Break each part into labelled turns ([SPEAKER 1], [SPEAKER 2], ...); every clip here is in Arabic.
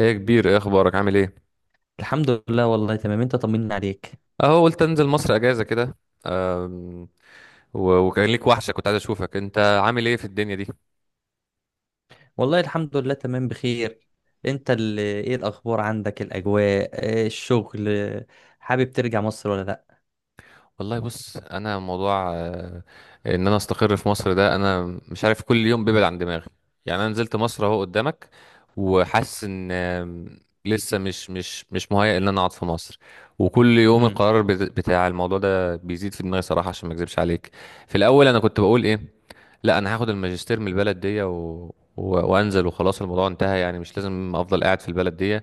[SPEAKER 1] ايه يا كبير، ايه اخبارك؟ عامل ايه؟
[SPEAKER 2] الحمد لله. والله تمام. انت طمنا عليك.
[SPEAKER 1] اهو قلت انزل مصر اجازه كده. أم، وكان ليك وحشه، كنت عايز اشوفك، انت عامل ايه في الدنيا دي؟
[SPEAKER 2] والله الحمد لله، تمام بخير. انت اللي ايه الاخبار عندك؟ الاجواء، اه، الشغل، حابب ترجع مصر ولا لا؟
[SPEAKER 1] والله بص، انا موضوع ان انا استقر في مصر ده انا مش عارف، كل يوم بيبعد عن دماغي. يعني انا نزلت مصر اهو قدامك، وحاسس ان لسه مش مهيأ ان انا اقعد في مصر. وكل يوم
[SPEAKER 2] امم.
[SPEAKER 1] القرار بتاع الموضوع ده بيزيد في دماغي صراحه، عشان ما اكذبش عليك. في الاول انا كنت بقول ايه؟ لا، انا هاخد الماجستير من البلد دي و... وانزل وخلاص، الموضوع انتهى، يعني مش لازم افضل قاعد في البلد دي.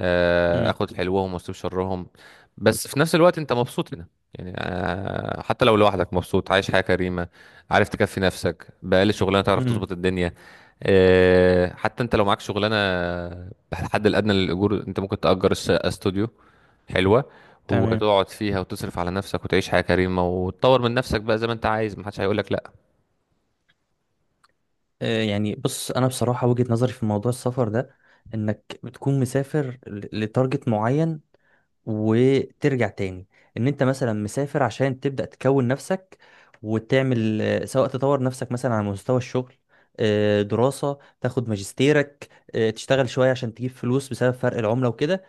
[SPEAKER 2] امم.
[SPEAKER 1] اخد حلوهم واسيب شرهم. بس في نفس الوقت انت مبسوط هنا، يعني حتى لو لوحدك مبسوط، عايش حياة كريمة، عارف تكفي نفسك بأقل شغلانة، تعرف
[SPEAKER 2] امم.
[SPEAKER 1] تظبط الدنيا. حتى انت لو معاك شغلانة بالحد الأدنى للأجور، انت ممكن تأجر استوديو حلوة،
[SPEAKER 2] تمام.
[SPEAKER 1] وتقعد فيها وتصرف على نفسك وتعيش حياة كريمة وتطور من نفسك بقى زي ما انت عايز، محدش هيقولك
[SPEAKER 2] اه، يعني بص، انا بصراحة وجهة نظري في موضوع السفر ده، انك بتكون مسافر لتارجت معين وترجع تاني. ان انت مثلا مسافر عشان تبدأ تكون نفسك، وتعمل سواء تطور نفسك مثلا على مستوى الشغل، دراسة تاخد ماجستيرك، تشتغل شوية عشان تجيب فلوس بسبب فرق العملة وكده،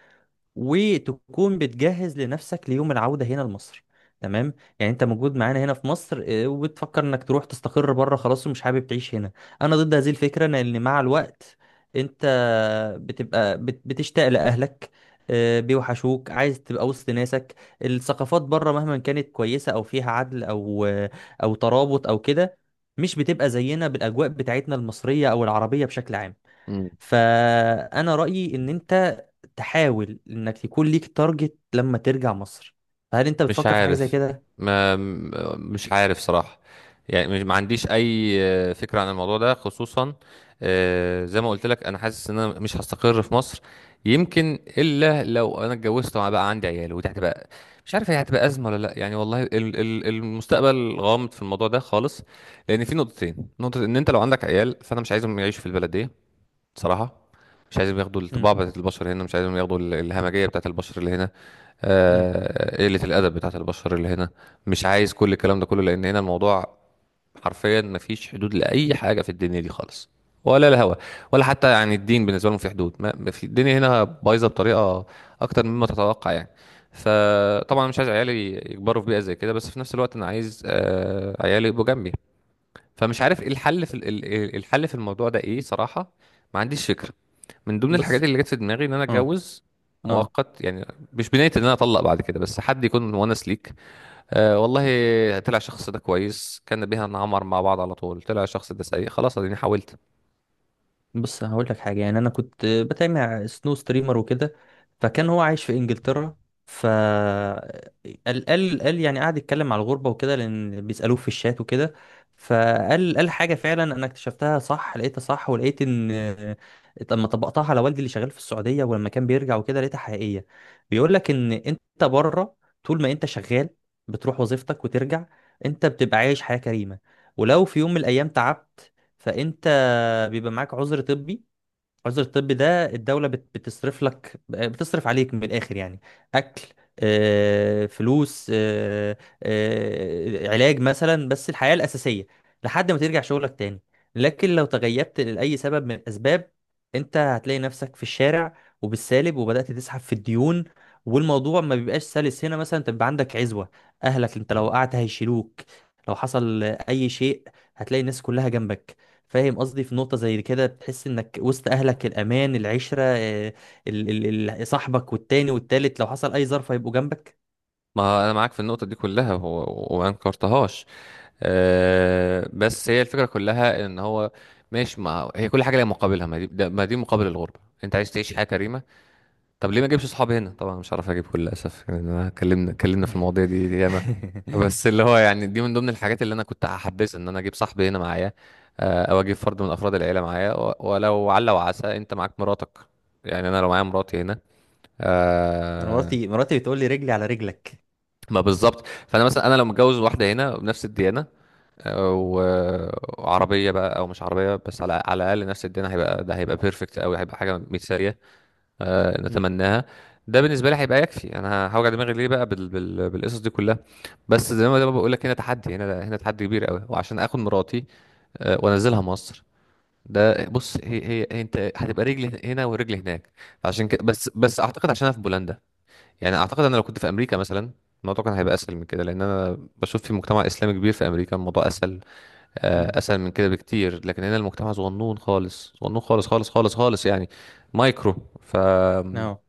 [SPEAKER 2] وتكون بتجهز لنفسك ليوم العودة هنا لمصر. تمام. يعني انت موجود معانا هنا في مصر، وبتفكر انك تروح تستقر بره خلاص ومش حابب تعيش هنا. انا ضد هذه الفكرة، لان مع الوقت انت بتبقى بتشتاق لاهلك، اه، بيوحشوك، عايز تبقى وسط ناسك. الثقافات بره مهما كانت كويسة او فيها عدل، او او ترابط او كده، مش بتبقى زينا بالاجواء بتاعتنا المصرية او العربية بشكل عام.
[SPEAKER 1] لا.
[SPEAKER 2] فانا رايي ان انت تحاول انك يكون ليك تارجت لما ترجع مصر. فهل انت
[SPEAKER 1] مش
[SPEAKER 2] بتفكر في حاجه زي
[SPEAKER 1] عارف.
[SPEAKER 2] كده؟
[SPEAKER 1] ما م- مش عارف صراحة. يعني ما عنديش اي فكرة عن الموضوع ده خصوصا. زي ما قلت لك، انا حاسس ان انا مش هستقر في مصر. يمكن الا لو انا اتجوزت وبقى عندي عيال، ودي هتبقى، مش عارف هي هتبقى ازمه ولا لا يعني. والله المستقبل غامض في الموضوع ده خالص. لان في نقطتين: نقطه ان انت لو عندك عيال فانا مش عايزهم يعيشوا في البلد دي، بصراحة. مش عايزهم ياخدوا
[SPEAKER 2] امم.
[SPEAKER 1] الطباع بتاعت البشر هنا، مش عايزهم ياخدوا الهمجية بتاعت البشر اللي هنا.
[SPEAKER 2] امم.
[SPEAKER 1] قلة الأدب بتاعت البشر اللي هنا، مش عايز كل الكلام ده كله. لأن هنا الموضوع حرفيا مفيش حدود لأي حاجة في الدنيا دي خالص، ولا الهوى، ولا حتى يعني الدين بالنسبة لهم في حدود. ما في الدنيا هنا بايظة بطريقة أكتر مما تتوقع يعني. فطبعا مش عايز عيالي يكبروا في بيئة زي كده، بس في نفس الوقت أنا عايز عيالي يبقوا جنبي. فمش عارف ايه الحل في الحل في الموضوع ده ايه صراحة. ما عنديش فكرة. من ضمن
[SPEAKER 2] بص.
[SPEAKER 1] الحاجات اللي جت في دماغي ان انا
[SPEAKER 2] اه
[SPEAKER 1] اتجوز
[SPEAKER 2] اه
[SPEAKER 1] مؤقت يعني، مش بنية ان انا اطلق بعد كده، بس حد يكون مونس ليك. والله، طلع الشخص ده كويس كان بيها نعمر مع بعض على طول، طلع الشخص ده سيء خلاص اديني حاولت.
[SPEAKER 2] بص، هقول لك حاجه. يعني انا كنت بتابع سنو ستريمر وكده، فكان هو عايش في انجلترا. ف قال يعني قعد يتكلم على الغربه وكده، لان بيسالوه في الشات وكده. فقال حاجه فعلا انا اكتشفتها صح، لقيتها صح، ولقيت ان لما طبقتها على والدي اللي شغال في السعوديه ولما كان بيرجع وكده لقيتها حقيقيه. بيقول لك ان انت بره، طول ما انت شغال بتروح وظيفتك وترجع، انت بتبقى عايش حياه كريمه. ولو في يوم من الايام تعبت، فانت بيبقى معاك عذر طبي. عذر الطبي ده الدولة بتصرف لك، بتصرف عليك من الآخر يعني، أكل، فلوس، علاج مثلا، بس الحياة الأساسية لحد ما ترجع شغلك تاني. لكن لو تغيبت لأي سبب من الأسباب، أنت هتلاقي نفسك في الشارع وبالسالب، وبدأت تسحب في الديون. والموضوع ما بيبقاش سلس. هنا مثلا تبقى عندك عزوة، أهلك، أنت لو وقعت هيشيلوك، لو حصل أي شيء هتلاقي الناس كلها جنبك. فاهم قصدي؟ في نقطة زي كده بتحس انك وسط اهلك، الامان، العشرة، ال صاحبك والتاني والتالت، لو حصل اي ظرف هيبقوا جنبك.
[SPEAKER 1] ما انا معاك في النقطة دي كلها، وما انكرتهاش. بس هي الفكرة كلها ان هو ماشي، ما هي كل حاجة ليها مقابلها. ما دي مقابل الغربة، انت عايز تعيش حياة كريمة. طب ليه ما اجيبش صحابي هنا؟ طبعا مش عارف اجيب كل، للاسف يعني. أنا اتكلمنا اتكلمنا
[SPEAKER 2] مم.
[SPEAKER 1] في المواضيع دي دي ياما. بس اللي هو يعني، دي من ضمن الحاجات اللي انا كنت هحبذها ان انا اجيب صاحبي هنا معايا. او اجيب فرد من افراد العيله معايا، ولو على وعسى. انت معاك مراتك، يعني انا لو معايا مراتي هنا،
[SPEAKER 2] انا
[SPEAKER 1] آه،
[SPEAKER 2] مراتي بتقول لي رجلي على رجلك.
[SPEAKER 1] ما بالظبط. فانا مثلا انا لو متجوز واحده هنا بنفس الديانه، آه، و- وعربيه بقى او مش عربيه، بس على على الاقل نفس الديانه، هيبقى ده هيبقى بيرفكت قوي، هيبقى حاجه مثاليه
[SPEAKER 2] مم.
[SPEAKER 1] نتمناها. ده بالنسبه لي هيبقى يكفي، انا هوجع دماغي ليه بقى بالقصص دي كلها. بس زي ما بقول لك، هنا تحدي، هنا هنا تحدي كبير قوي، وعشان اخد مراتي وانزلها مصر، ده بص هي هي هي انت هتبقى رجل هنا ورجل هناك. عشان كده بس اعتقد، عشان انا في بولندا. يعني اعتقد انا لو كنت في امريكا مثلا، الموضوع كان هيبقى اسهل من كده، لان انا بشوف في مجتمع اسلامي كبير في امريكا، الموضوع اسهل اسهل من كده بكتير. لكن هنا المجتمع صغنون خالص، صغنون خالص خالص خالص خالص يعني، مايكرو ف.
[SPEAKER 2] أهو.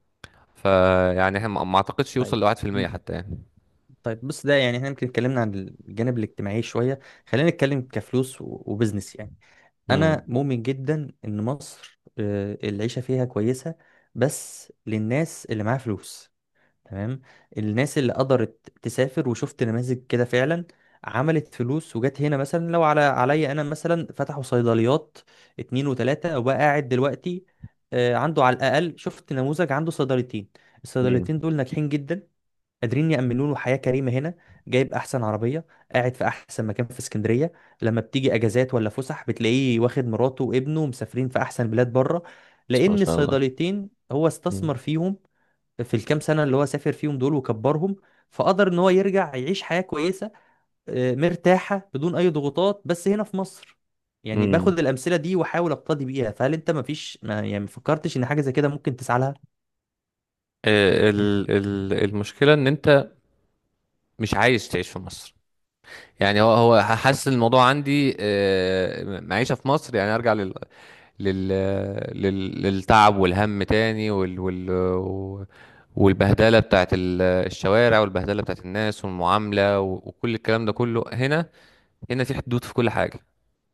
[SPEAKER 1] فيعني احنا ما اعتقدش
[SPEAKER 2] طيب.
[SPEAKER 1] يوصل لواحد في
[SPEAKER 2] م-
[SPEAKER 1] المية حتى يعني.
[SPEAKER 2] طيب بص، ده يعني احنا يمكن اتكلمنا عن الجانب الاجتماعي شوية. خلينا نتكلم كفلوس وبزنس يعني.
[SPEAKER 1] امم.
[SPEAKER 2] انا مؤمن جدا ان مصر العيشة فيها كويسة، بس للناس اللي معاها فلوس. تمام. الناس اللي قدرت تسافر، وشفت نماذج كده فعلا عملت فلوس وجت هنا. مثلا لو على عليا انا، مثلا فتحوا صيدليات اتنين وتلاتة وبقى قاعد دلوقتي، عنده، على الاقل شفت نموذج عنده صيدليتين.
[SPEAKER 1] امم.
[SPEAKER 2] الصيدليتين دول ناجحين جدا، قادرين يأمنوا له حياة كريمة هنا. جايب أحسن عربية، قاعد في أحسن مكان في اسكندرية، لما بتيجي أجازات ولا فسح بتلاقيه واخد مراته وابنه مسافرين في أحسن بلاد بره،
[SPEAKER 1] بس ما
[SPEAKER 2] لأن
[SPEAKER 1] شاء الله.
[SPEAKER 2] الصيدليتين هو
[SPEAKER 1] امم.
[SPEAKER 2] استثمر فيهم في الكام سنة اللي هو سافر فيهم دول وكبرهم، فقدر ان هو يرجع يعيش حياة كويسة مرتاحة بدون اي ضغوطات، بس هنا في مصر. يعني
[SPEAKER 1] امم.
[SPEAKER 2] باخد الأمثلة دي واحاول اقتدي بيها. فهل انت مفيش، ما يعني مفكرتش ان حاجة زي كده ممكن تسعى لها؟
[SPEAKER 1] المشكلة ان انت مش عايز تعيش في مصر. يعني هو هو حاسس الموضوع عندي معيشة في مصر يعني ارجع لل للتعب والهم تاني، وال وال والبهدلة بتاعت الشوارع، والبهدلة بتاعت الناس، والمعاملة، وكل الكلام ده كله. هنا، هنا في حدود في كل حاجة.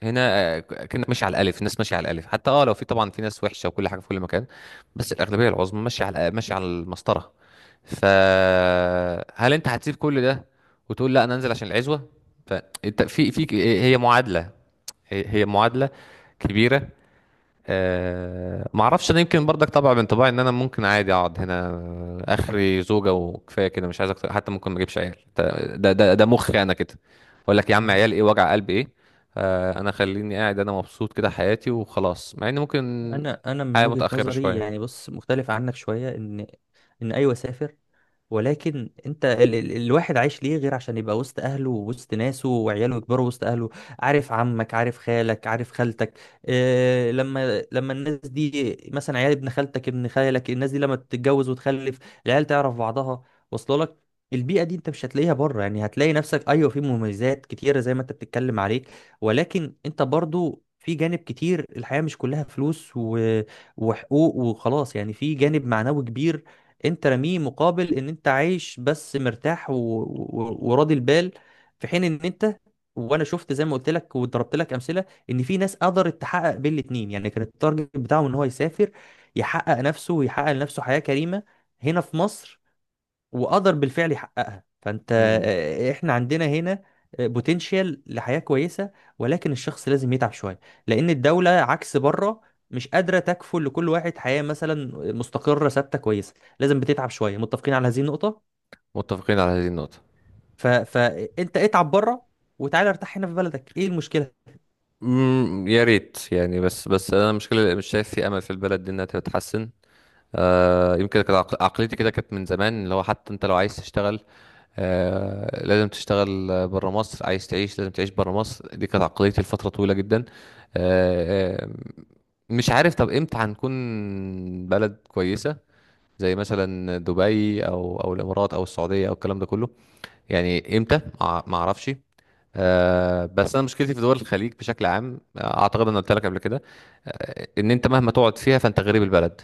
[SPEAKER 1] هنا كانك ماشي على الالف، الناس ماشيه على الالف، حتى اه لو في، طبعا في ناس وحشه وكل حاجه في كل مكان، بس الاغلبيه العظمى ماشيه على ماشيه على المسطره. فهل انت هتسيب كل ده وتقول لا انا انزل عشان العزوه؟ فانت في في هي معادله، هي هي معادله كبيره. أه ما اعرفش، انا يمكن برضك طبع من طباعي ان انا ممكن عادي اقعد هنا، اخري زوجه وكفايه كده، مش عايز اكتر، حتى ممكن ما اجيبش عيال، ده مخي انا كده. اقول لك يا
[SPEAKER 2] ما
[SPEAKER 1] عم،
[SPEAKER 2] هو،
[SPEAKER 1] عيال ايه، وجع قلب ايه؟ أه انا خليني قاعد، انا مبسوط كده حياتي وخلاص، مع ان ممكن
[SPEAKER 2] انا من
[SPEAKER 1] حياه
[SPEAKER 2] وجهة
[SPEAKER 1] متاخره
[SPEAKER 2] نظري
[SPEAKER 1] شويه.
[SPEAKER 2] يعني، بص مختلف عنك شوية. ان ايوه سافر، ولكن انت ال الواحد عايش ليه غير عشان يبقى وسط اهله ووسط ناسه، وعياله يكبروا وسط اهله، عارف عمك، عارف خالك، عارف خالتك. إيه لما، لما الناس دي مثلا، عيال ابن خالتك، ابن خالك، الناس دي لما تتجوز وتخلف، العيال تعرف بعضها، واصله لك. البيئة دي انت مش هتلاقيها بره. يعني هتلاقي نفسك، ايوه، في مميزات كتيرة زي ما انت بتتكلم عليك، ولكن انت برضو في جانب كتير، الحياة مش كلها فلوس وحقوق وخلاص يعني، في جانب معنوي كبير انت رميه مقابل ان انت عايش بس مرتاح وراضي البال. في حين ان انت، وانا شفت زي ما قلت لك وضربت لك امثله ان في ناس قدرت تحقق بين الاتنين. يعني كان التارجت بتاعه ان هو يسافر، يحقق نفسه، ويحقق لنفسه حياه كريمه هنا في مصر، وقدر بالفعل يحققها. فانت،
[SPEAKER 1] امم.
[SPEAKER 2] احنا عندنا هنا بوتنشال لحياة كويسة، ولكن الشخص لازم يتعب شوية، لأن الدولة عكس بره مش قادرة تكفل لكل واحد حياة مثلا مستقرة ثابتة كويسة. لازم بتتعب شوية، متفقين على هذه النقطة؟
[SPEAKER 1] متفقين على هذه النقطه.
[SPEAKER 2] فانت اتعب بره، وتعالى ارتاح هنا في بلدك، ايه المشكلة؟
[SPEAKER 1] امم، يا ريت يعني. بس انا المشكله مش شايف في امل في البلد دي انها تتحسن. يمكن كانت عقليتي كده، كانت من زمان، اللي هو حتى انت لو عايز تشتغل لازم تشتغل بره مصر، عايز تعيش لازم تعيش بره مصر، دي كانت عقليتي لفترة طويلة جدا. آه، آه، مش عارف طب امتى هنكون بلد كويسة زي مثلا دبي او او الامارات او السعودية او الكلام ده كله، يعني امتى؟ ما اعرفش. بس انا مشكلتي في دول الخليج بشكل عام اعتقد انا قلت لك قبل كده ان انت مهما تقعد فيها فانت غريب البلد،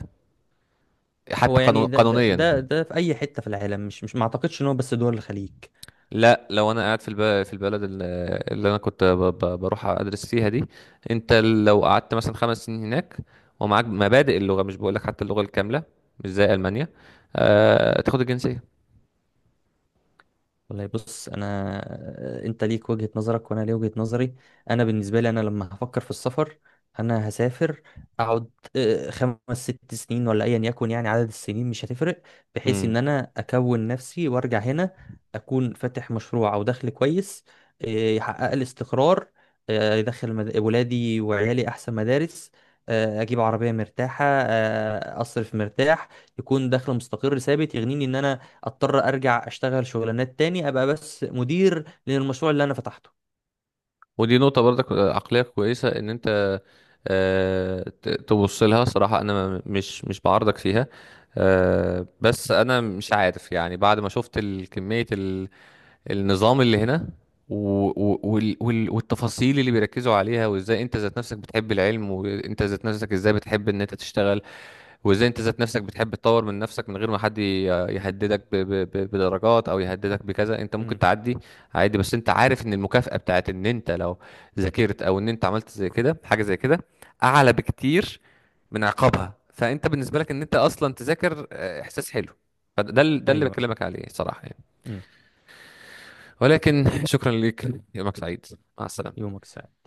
[SPEAKER 2] هو
[SPEAKER 1] حتى
[SPEAKER 2] يعني
[SPEAKER 1] قانون قانونيا.
[SPEAKER 2] ده في أي حتة في العالم، مش ما اعتقدش ان هو بس دول الخليج.
[SPEAKER 1] لا، لو انا قاعد في في البلد اللي انا كنت بروح ادرس فيها دي، انت لو قعدت مثلا خمس سنين هناك ومعاك مبادئ اللغه، مش بقولك حتى اللغه الكامله، مش زي المانيا تاخد الجنسيه.
[SPEAKER 2] والله بص، انا، انت ليك وجهة نظرك وانا ليا وجهة نظري. انا بالنسبه لي انا لما هفكر في السفر، انا هسافر، اقعد 5 6 سنين ولا ايا يكن، يعني عدد السنين مش هتفرق، بحيث ان
[SPEAKER 1] امم.
[SPEAKER 2] انا اكون نفسي وارجع هنا اكون فاتح مشروع او دخل كويس، آه، يحقق لي استقرار، يدخل ولادي وعيالي احسن مدارس، اجيب عربيه مرتاحه، اصرف مرتاح، يكون دخل مستقر ثابت يغنيني ان انا اضطر ارجع اشتغل شغلانات تاني، ابقى بس مدير للمشروع اللي انا فتحته.
[SPEAKER 1] ودي نقطه برضك عقليه كويسه ان انت تبص لها صراحه، انا مش بعارضك فيها. بس انا مش عارف، يعني بعد ما شفت الكميه، النظام اللي هنا و... والتفاصيل اللي بيركزوا عليها، وازاي انت ذات نفسك بتحب العلم، وانت ذات نفسك ازاي بتحب ان انت تشتغل، وازاي انت ذات نفسك بتحب تطور من نفسك من غير ما حد يهددك بدرجات او يهددك بكذا، انت ممكن
[SPEAKER 2] امم.
[SPEAKER 1] تعدي عادي. بس انت عارف ان المكافأة بتاعت ان انت لو ذاكرت او ان انت عملت زي كده، حاجة زي كده اعلى بكتير من عقابها، فانت بالنسبة لك ان انت اصلا تذاكر احساس حلو، فده ده اللي
[SPEAKER 2] ايوه.
[SPEAKER 1] بكلمك عليه صراحة يعني.
[SPEAKER 2] امم.
[SPEAKER 1] ولكن شكرا لك، يومك سعيد، مع السلامة.
[SPEAKER 2] يومك سعيد.